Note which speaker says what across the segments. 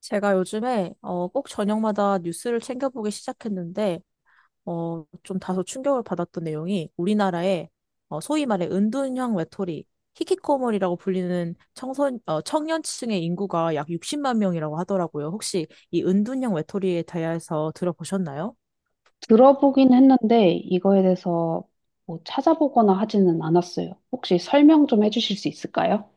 Speaker 1: 제가 요즘에 꼭 저녁마다 뉴스를 챙겨보기 시작했는데 좀 다소 충격을 받았던 내용이 우리나라의 소위 말해 은둔형 외톨이 히키코모리라고 불리는 청년층의 인구가 약 60만 명이라고 하더라고요. 혹시 이 은둔형 외톨이에 대해서 들어보셨나요?
Speaker 2: 들어보긴 했는데 이거에 대해서 뭐 찾아보거나 하지는 않았어요. 혹시 설명 좀 해주실 수 있을까요?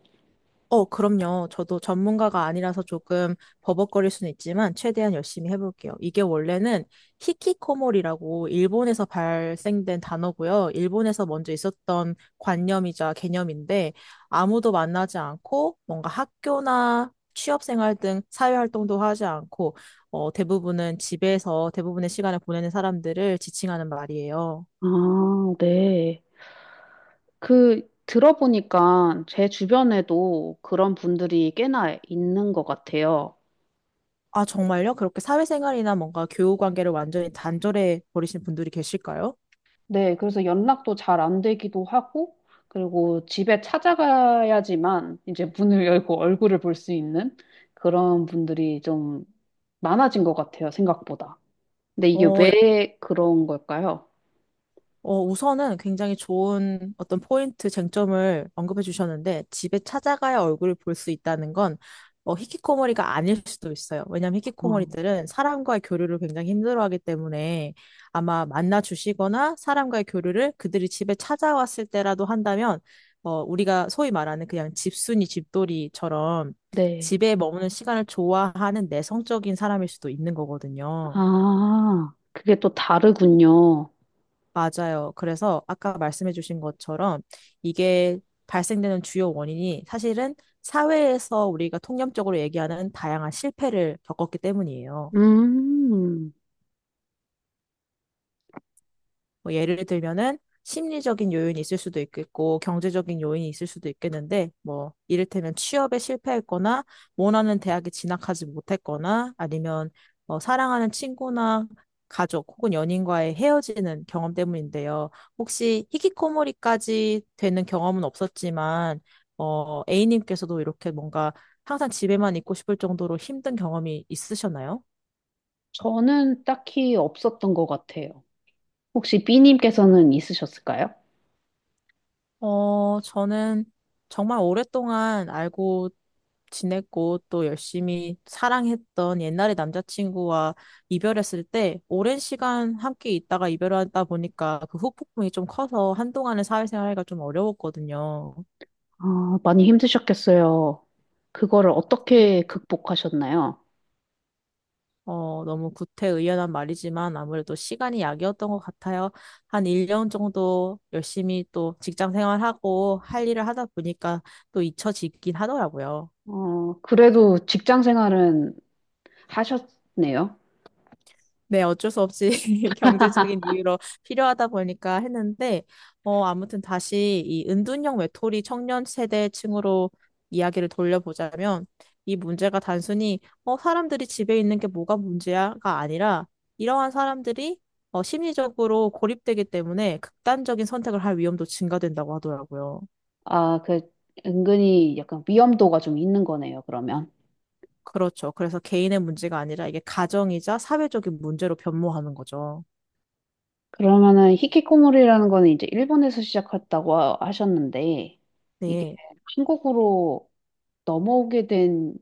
Speaker 1: 그럼요. 저도 전문가가 아니라서 조금 버벅거릴 수는 있지만 최대한 열심히 해볼게요. 이게 원래는 히키코모리라고 일본에서 발생된 단어고요. 일본에서 먼저 있었던 관념이자 개념인데 아무도 만나지 않고 뭔가 학교나 취업생활 등 사회활동도 하지 않고 대부분은 집에서 대부분의 시간을 보내는 사람들을 지칭하는 말이에요.
Speaker 2: 아, 네. 그 들어보니까 제 주변에도 그런 분들이 꽤나 있는 것 같아요.
Speaker 1: 아, 정말요? 그렇게 사회생활이나 뭔가 교우 관계를 완전히 단절해 버리신 분들이 계실까요?
Speaker 2: 네, 그래서 연락도 잘 안 되기도 하고, 그리고 집에 찾아가야지만 이제 문을 열고 얼굴을 볼 수 있는 그런 분들이 좀 많아진 것 같아요, 생각보다. 근데 이게
Speaker 1: 어,
Speaker 2: 왜 그런 걸까요?
Speaker 1: 우선은 굉장히 좋은 어떤 포인트 쟁점을 언급해 주셨는데 집에 찾아가야 얼굴을 볼 수 있다는 건 히키코모리가 아닐 수도 있어요. 왜냐하면 히키코모리들은 사람과의 교류를 굉장히 힘들어하기 때문에 아마 만나 주시거나 사람과의 교류를 그들이 집에 찾아왔을 때라도 한다면 우리가 소위 말하는 그냥 집순이 집돌이처럼
Speaker 2: 네.
Speaker 1: 집에 머무는 시간을 좋아하는 내성적인 사람일 수도 있는 거거든요.
Speaker 2: 아, 그게 또 다르군요.
Speaker 1: 맞아요. 그래서 아까 말씀해주신 것처럼 이게 발생되는 주요 원인이 사실은 사회에서 우리가 통념적으로 얘기하는 다양한 실패를 겪었기 때문이에요.
Speaker 2: 음,
Speaker 1: 뭐 예를 들면은 심리적인 요인이 있을 수도 있겠고 경제적인 요인이 있을 수도 있겠는데 뭐 이를테면 취업에 실패했거나 원하는 대학에 진학하지 못했거나 아니면 사랑하는 친구나 가족 혹은 연인과의 헤어지는 경험 때문인데요. 혹시 히키코모리까지 되는 경험은 없었지만 A님께서도 이렇게 뭔가 항상 집에만 있고 싶을 정도로 힘든 경험이 있으셨나요?
Speaker 2: 저는 딱히 없었던 것 같아요. 혹시 B님께서는 있으셨을까요?
Speaker 1: 저는 정말 오랫동안 알고 지냈고 또 열심히 사랑했던 옛날의 남자친구와 이별했을 때 오랜 시간 함께 있다가 이별하다 보니까 그 후폭풍이 좀 커서 한동안은 사회생활가 좀 어려웠거든요.
Speaker 2: 아, 많이 힘드셨겠어요. 그거를 어떻게 극복하셨나요?
Speaker 1: 너무 구태의연한 말이지만 아무래도 시간이 약이었던 것 같아요. 한 1년 정도 열심히 또 직장 생활하고 할 일을 하다 보니까 또 잊혀지긴 하더라고요.
Speaker 2: 그래도 직장 생활은 하셨네요.
Speaker 1: 네, 어쩔 수 없이 경제적인 이유로 필요하다 보니까 했는데, 아무튼 다시 이 은둔형 외톨이 청년 세대층으로 이야기를 돌려보자면, 이 문제가 단순히, 사람들이 집에 있는 게 뭐가 문제야가 아니라, 이러한 사람들이, 심리적으로 고립되기 때문에 극단적인 선택을 할 위험도 증가된다고 하더라고요.
Speaker 2: 아, 그, 은근히 약간 위험도가 좀 있는 거네요, 그러면.
Speaker 1: 그렇죠. 그래서 개인의 문제가 아니라 이게 가정이자 사회적인 문제로 변모하는 거죠.
Speaker 2: 그러면은 히키코모리라는 거는 이제 일본에서 시작했다고 하셨는데, 이게
Speaker 1: 네.
Speaker 2: 한국으로 넘어오게 된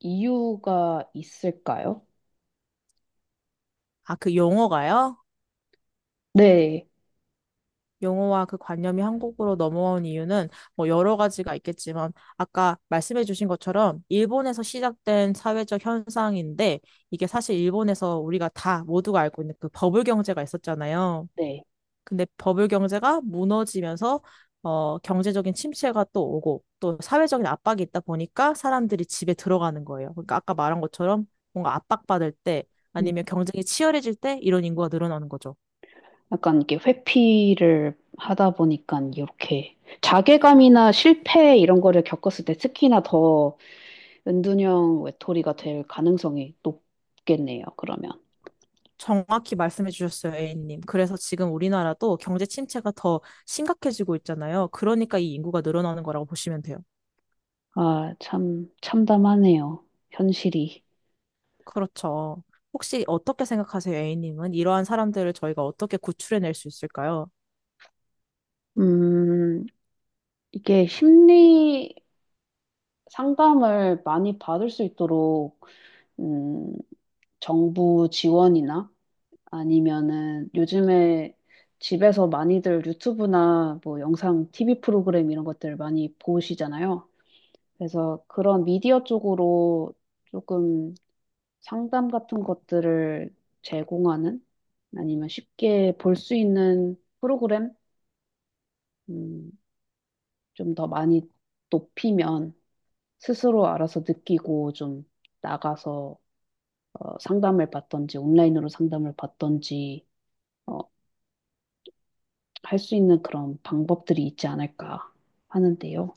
Speaker 2: 이유가 있을까요?
Speaker 1: 아, 그 용어가요?
Speaker 2: 네,
Speaker 1: 용어와 그 관념이 한국으로 넘어온 이유는 뭐 여러 가지가 있겠지만 아까 말씀해 주신 것처럼 일본에서 시작된 사회적 현상인데 이게 사실 일본에서 우리가 다 모두가 알고 있는 그 버블 경제가 있었잖아요.
Speaker 2: 네.
Speaker 1: 근데 버블 경제가 무너지면서 경제적인 침체가 또 오고 또 사회적인 압박이 있다 보니까 사람들이 집에 들어가는 거예요. 그러니까 아까 말한 것처럼 뭔가 압박받을 때
Speaker 2: 음,
Speaker 1: 아니면 경쟁이 치열해질 때 이런 인구가 늘어나는 거죠.
Speaker 2: 약간 이게 회피를 하다 보니까 이렇게 자괴감이나 실패 이런 거를 겪었을 때 특히나 더 은둔형 외톨이가 될 가능성이 높겠네요, 그러면.
Speaker 1: 정확히 말씀해 주셨어요, A님. 그래서 지금 우리나라도 경제 침체가 더 심각해지고 있잖아요. 그러니까 이 인구가 늘어나는 거라고 보시면 돼요.
Speaker 2: 아, 참, 참담하네요. 현실이.
Speaker 1: 그렇죠. 혹시 어떻게 생각하세요, A님은? 이러한 사람들을 저희가 어떻게 구출해낼 수 있을까요?
Speaker 2: 음, 이게 심리 상담을 많이 받을 수 있도록, 음, 정부 지원이나 아니면은 요즘에 집에서 많이들 유튜브나 뭐 영상 TV 프로그램 이런 것들 많이 보시잖아요. 그래서 그런 미디어 쪽으로 조금 상담 같은 것들을 제공하는 아니면 쉽게 볼 수 있는 프로그램 음, 좀더 많이 높이면 스스로 알아서 느끼고 좀 나가서 상담을 받던지 온라인으로 상담을 받던지 어, 할 수 있는 그런 방법들이 있지 않을까 하는데요.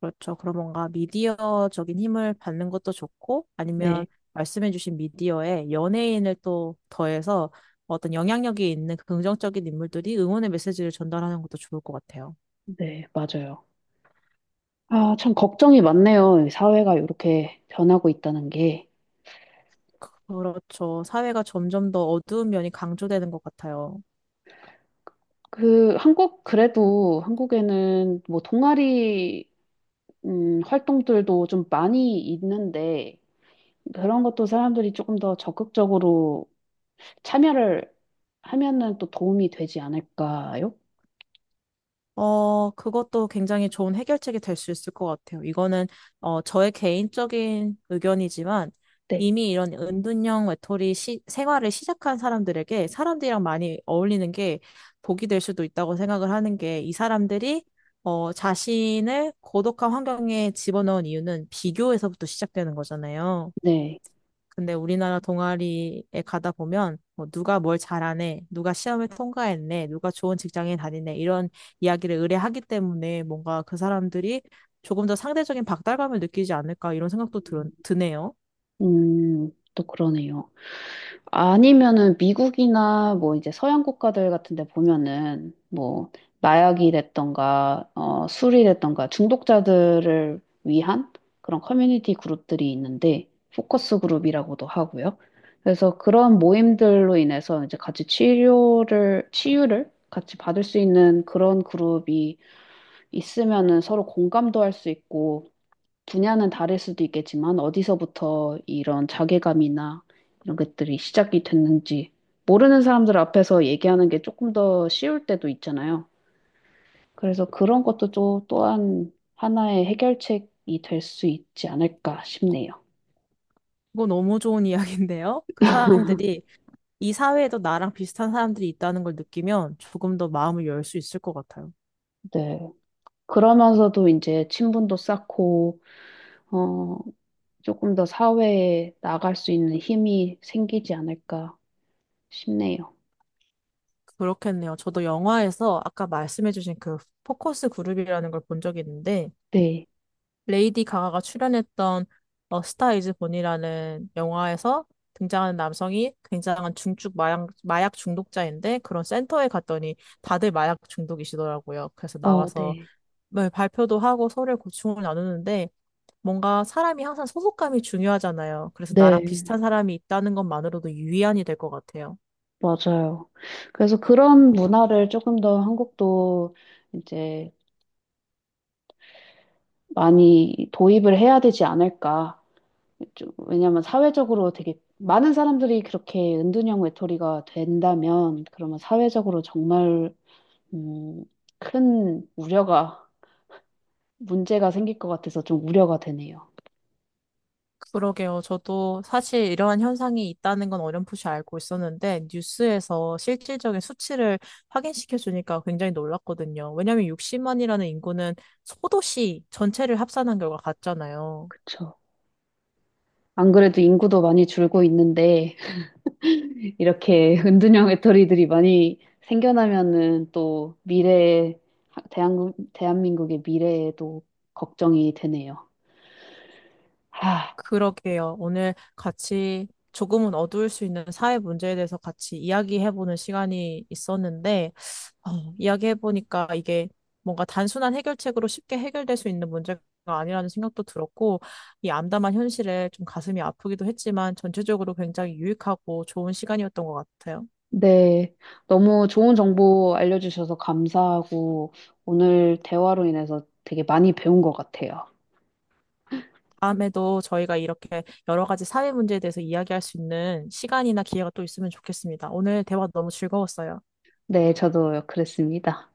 Speaker 1: 그렇죠. 그럼 뭔가 미디어적인 힘을 받는 것도 좋고, 아니면
Speaker 2: 네,
Speaker 1: 말씀해 주신 미디어에 연예인을 또 더해서 어떤 영향력이 있는 긍정적인 인물들이 응원의 메시지를 전달하는 것도 좋을 것 같아요.
Speaker 2: 네, 맞아요. 아, 참 걱정이 많네요. 이 사회가 이렇게 변하고 있다는 게.
Speaker 1: 그렇죠. 사회가 점점 더 어두운 면이 강조되는 것 같아요.
Speaker 2: 그, 한국, 그래도 한국에는 뭐 동아리, 활동들도 좀 많이 있는데, 그런 것도 사람들이 조금 더 적극적으로 참여를 하면은 또 도움이 되지 않을까요?
Speaker 1: 그것도 굉장히 좋은 해결책이 될 수 있을 것 같아요. 이거는, 저의 개인적인 의견이지만
Speaker 2: 네,
Speaker 1: 이미 이런 은둔형 외톨이 생활을 시작한 사람들에게 사람들이랑 많이 어울리는 게 복이 될 수도 있다고 생각을 하는 게 이 사람들이 자신을 고독한 환경에 집어넣은 이유는 비교에서부터 시작되는 거잖아요.
Speaker 2: 네.
Speaker 1: 근데 우리나라 동아리에 가다 보면 뭐 누가 뭘 잘하네, 누가 시험을 통과했네, 누가 좋은 직장에 다니네 이런 이야기를 의뢰하기 때문에 뭔가 그 사람들이 조금 더 상대적인 박달감을 느끼지 않을까 이런 생각도 드네요.
Speaker 2: 음, 또 그러네요. 아니면은 미국이나 뭐 이제 서양 국가들 같은 데 보면은 뭐 마약이랬던가 술이랬던가 중독자들을 위한 그런 커뮤니티 그룹들이 있는데 포커스 그룹이라고도 하고요. 그래서 그런 모임들로 인해서 이제 같이 치료를 치유를 같이 받을 수 있는 그런 그룹이 있으면은 서로 공감도 할 수 있고 분야는 다를 수도 있겠지만 어디서부터 이런 자괴감이나 이런 것들이 시작이 됐는지 모르는 사람들 앞에서 얘기하는 게 조금 더 쉬울 때도 있잖아요. 그래서 그런 것도 또 또한 하나의 해결책이 될 수 있지 않을까 싶네요.
Speaker 1: 이거 너무 좋은 이야기인데요. 그 사람들이 이 사회에도 나랑 비슷한 사람들이 있다는 걸 느끼면 조금 더 마음을 열 수 있을 것 같아요.
Speaker 2: 네. 그러면서도 이제 친분도 쌓고 어, 조금 더 사회에 나갈 수 있는 힘이 생기지 않을까 싶네요.
Speaker 1: 그렇겠네요. 저도 영화에서 아까 말씀해주신 그 포커스 그룹이라는 걸 본 적이 있는데
Speaker 2: 네.
Speaker 1: 레이디 가가가 출연했던 스타 이즈 본이라는 영화에서 등장하는 남성이 굉장한 중증 마약 중독자인데 그런 센터에 갔더니 다들 마약 중독이시더라고요. 그래서
Speaker 2: 어,
Speaker 1: 나와서
Speaker 2: 네.
Speaker 1: 네, 발표도 하고 서로의 고충을 나누는데 뭔가 사람이 항상 소속감이 중요하잖아요. 그래서 나랑
Speaker 2: 네.
Speaker 1: 비슷한 사람이 있다는 것만으로도 유의안이 될 것 같아요.
Speaker 2: 맞아요. 그래서 그런 문화를 조금 더 한국도 이제 많이 도입을 해야 되지 않을까. 좀- 왜냐면 사회적으로 되게 많은 사람들이 그렇게 은둔형 외톨이가 된다면 그러면 사회적으로 정말 음, 큰 우려가 문제가 생길 것 같아서 좀 우려가 되네요.
Speaker 1: 그러게요. 저도 사실 이러한 현상이 있다는 건 어렴풋이 알고 있었는데, 뉴스에서 실질적인 수치를 확인시켜 주니까 굉장히 놀랐거든요. 왜냐하면 60만이라는 인구는 소도시 전체를 합산한 결과 같잖아요.
Speaker 2: 그쵸. 안 그래도 인구도 많이 줄고 있는데 이렇게 은둔형 외톨이들이 많이 생겨나면은 또 미래에, 대한민국, 대한민국의 미래에도 걱정이 되네요. 아,
Speaker 1: 그러게요. 오늘 같이 조금은 어두울 수 있는 사회 문제에 대해서 같이 이야기해보는 시간이 있었는데, 어, 이야기해보니까 이게 뭔가 단순한 해결책으로 쉽게 해결될 수 있는 문제가 아니라는 생각도 들었고, 이 암담한 현실에 좀 가슴이 아프기도 했지만, 전체적으로 굉장히 유익하고 좋은 시간이었던 것 같아요.
Speaker 2: 네. 너무 좋은 정보 알려주셔서 감사하고 오늘 대화로 인해서 되게 많이 배운 것 같아요.
Speaker 1: 다음에도 저희가 이렇게 여러 가지 사회 문제에 대해서 이야기할 수 있는 시간이나 기회가 또 있으면 좋겠습니다. 오늘 대화 너무 즐거웠어요.
Speaker 2: 네, 저도 그랬습니다.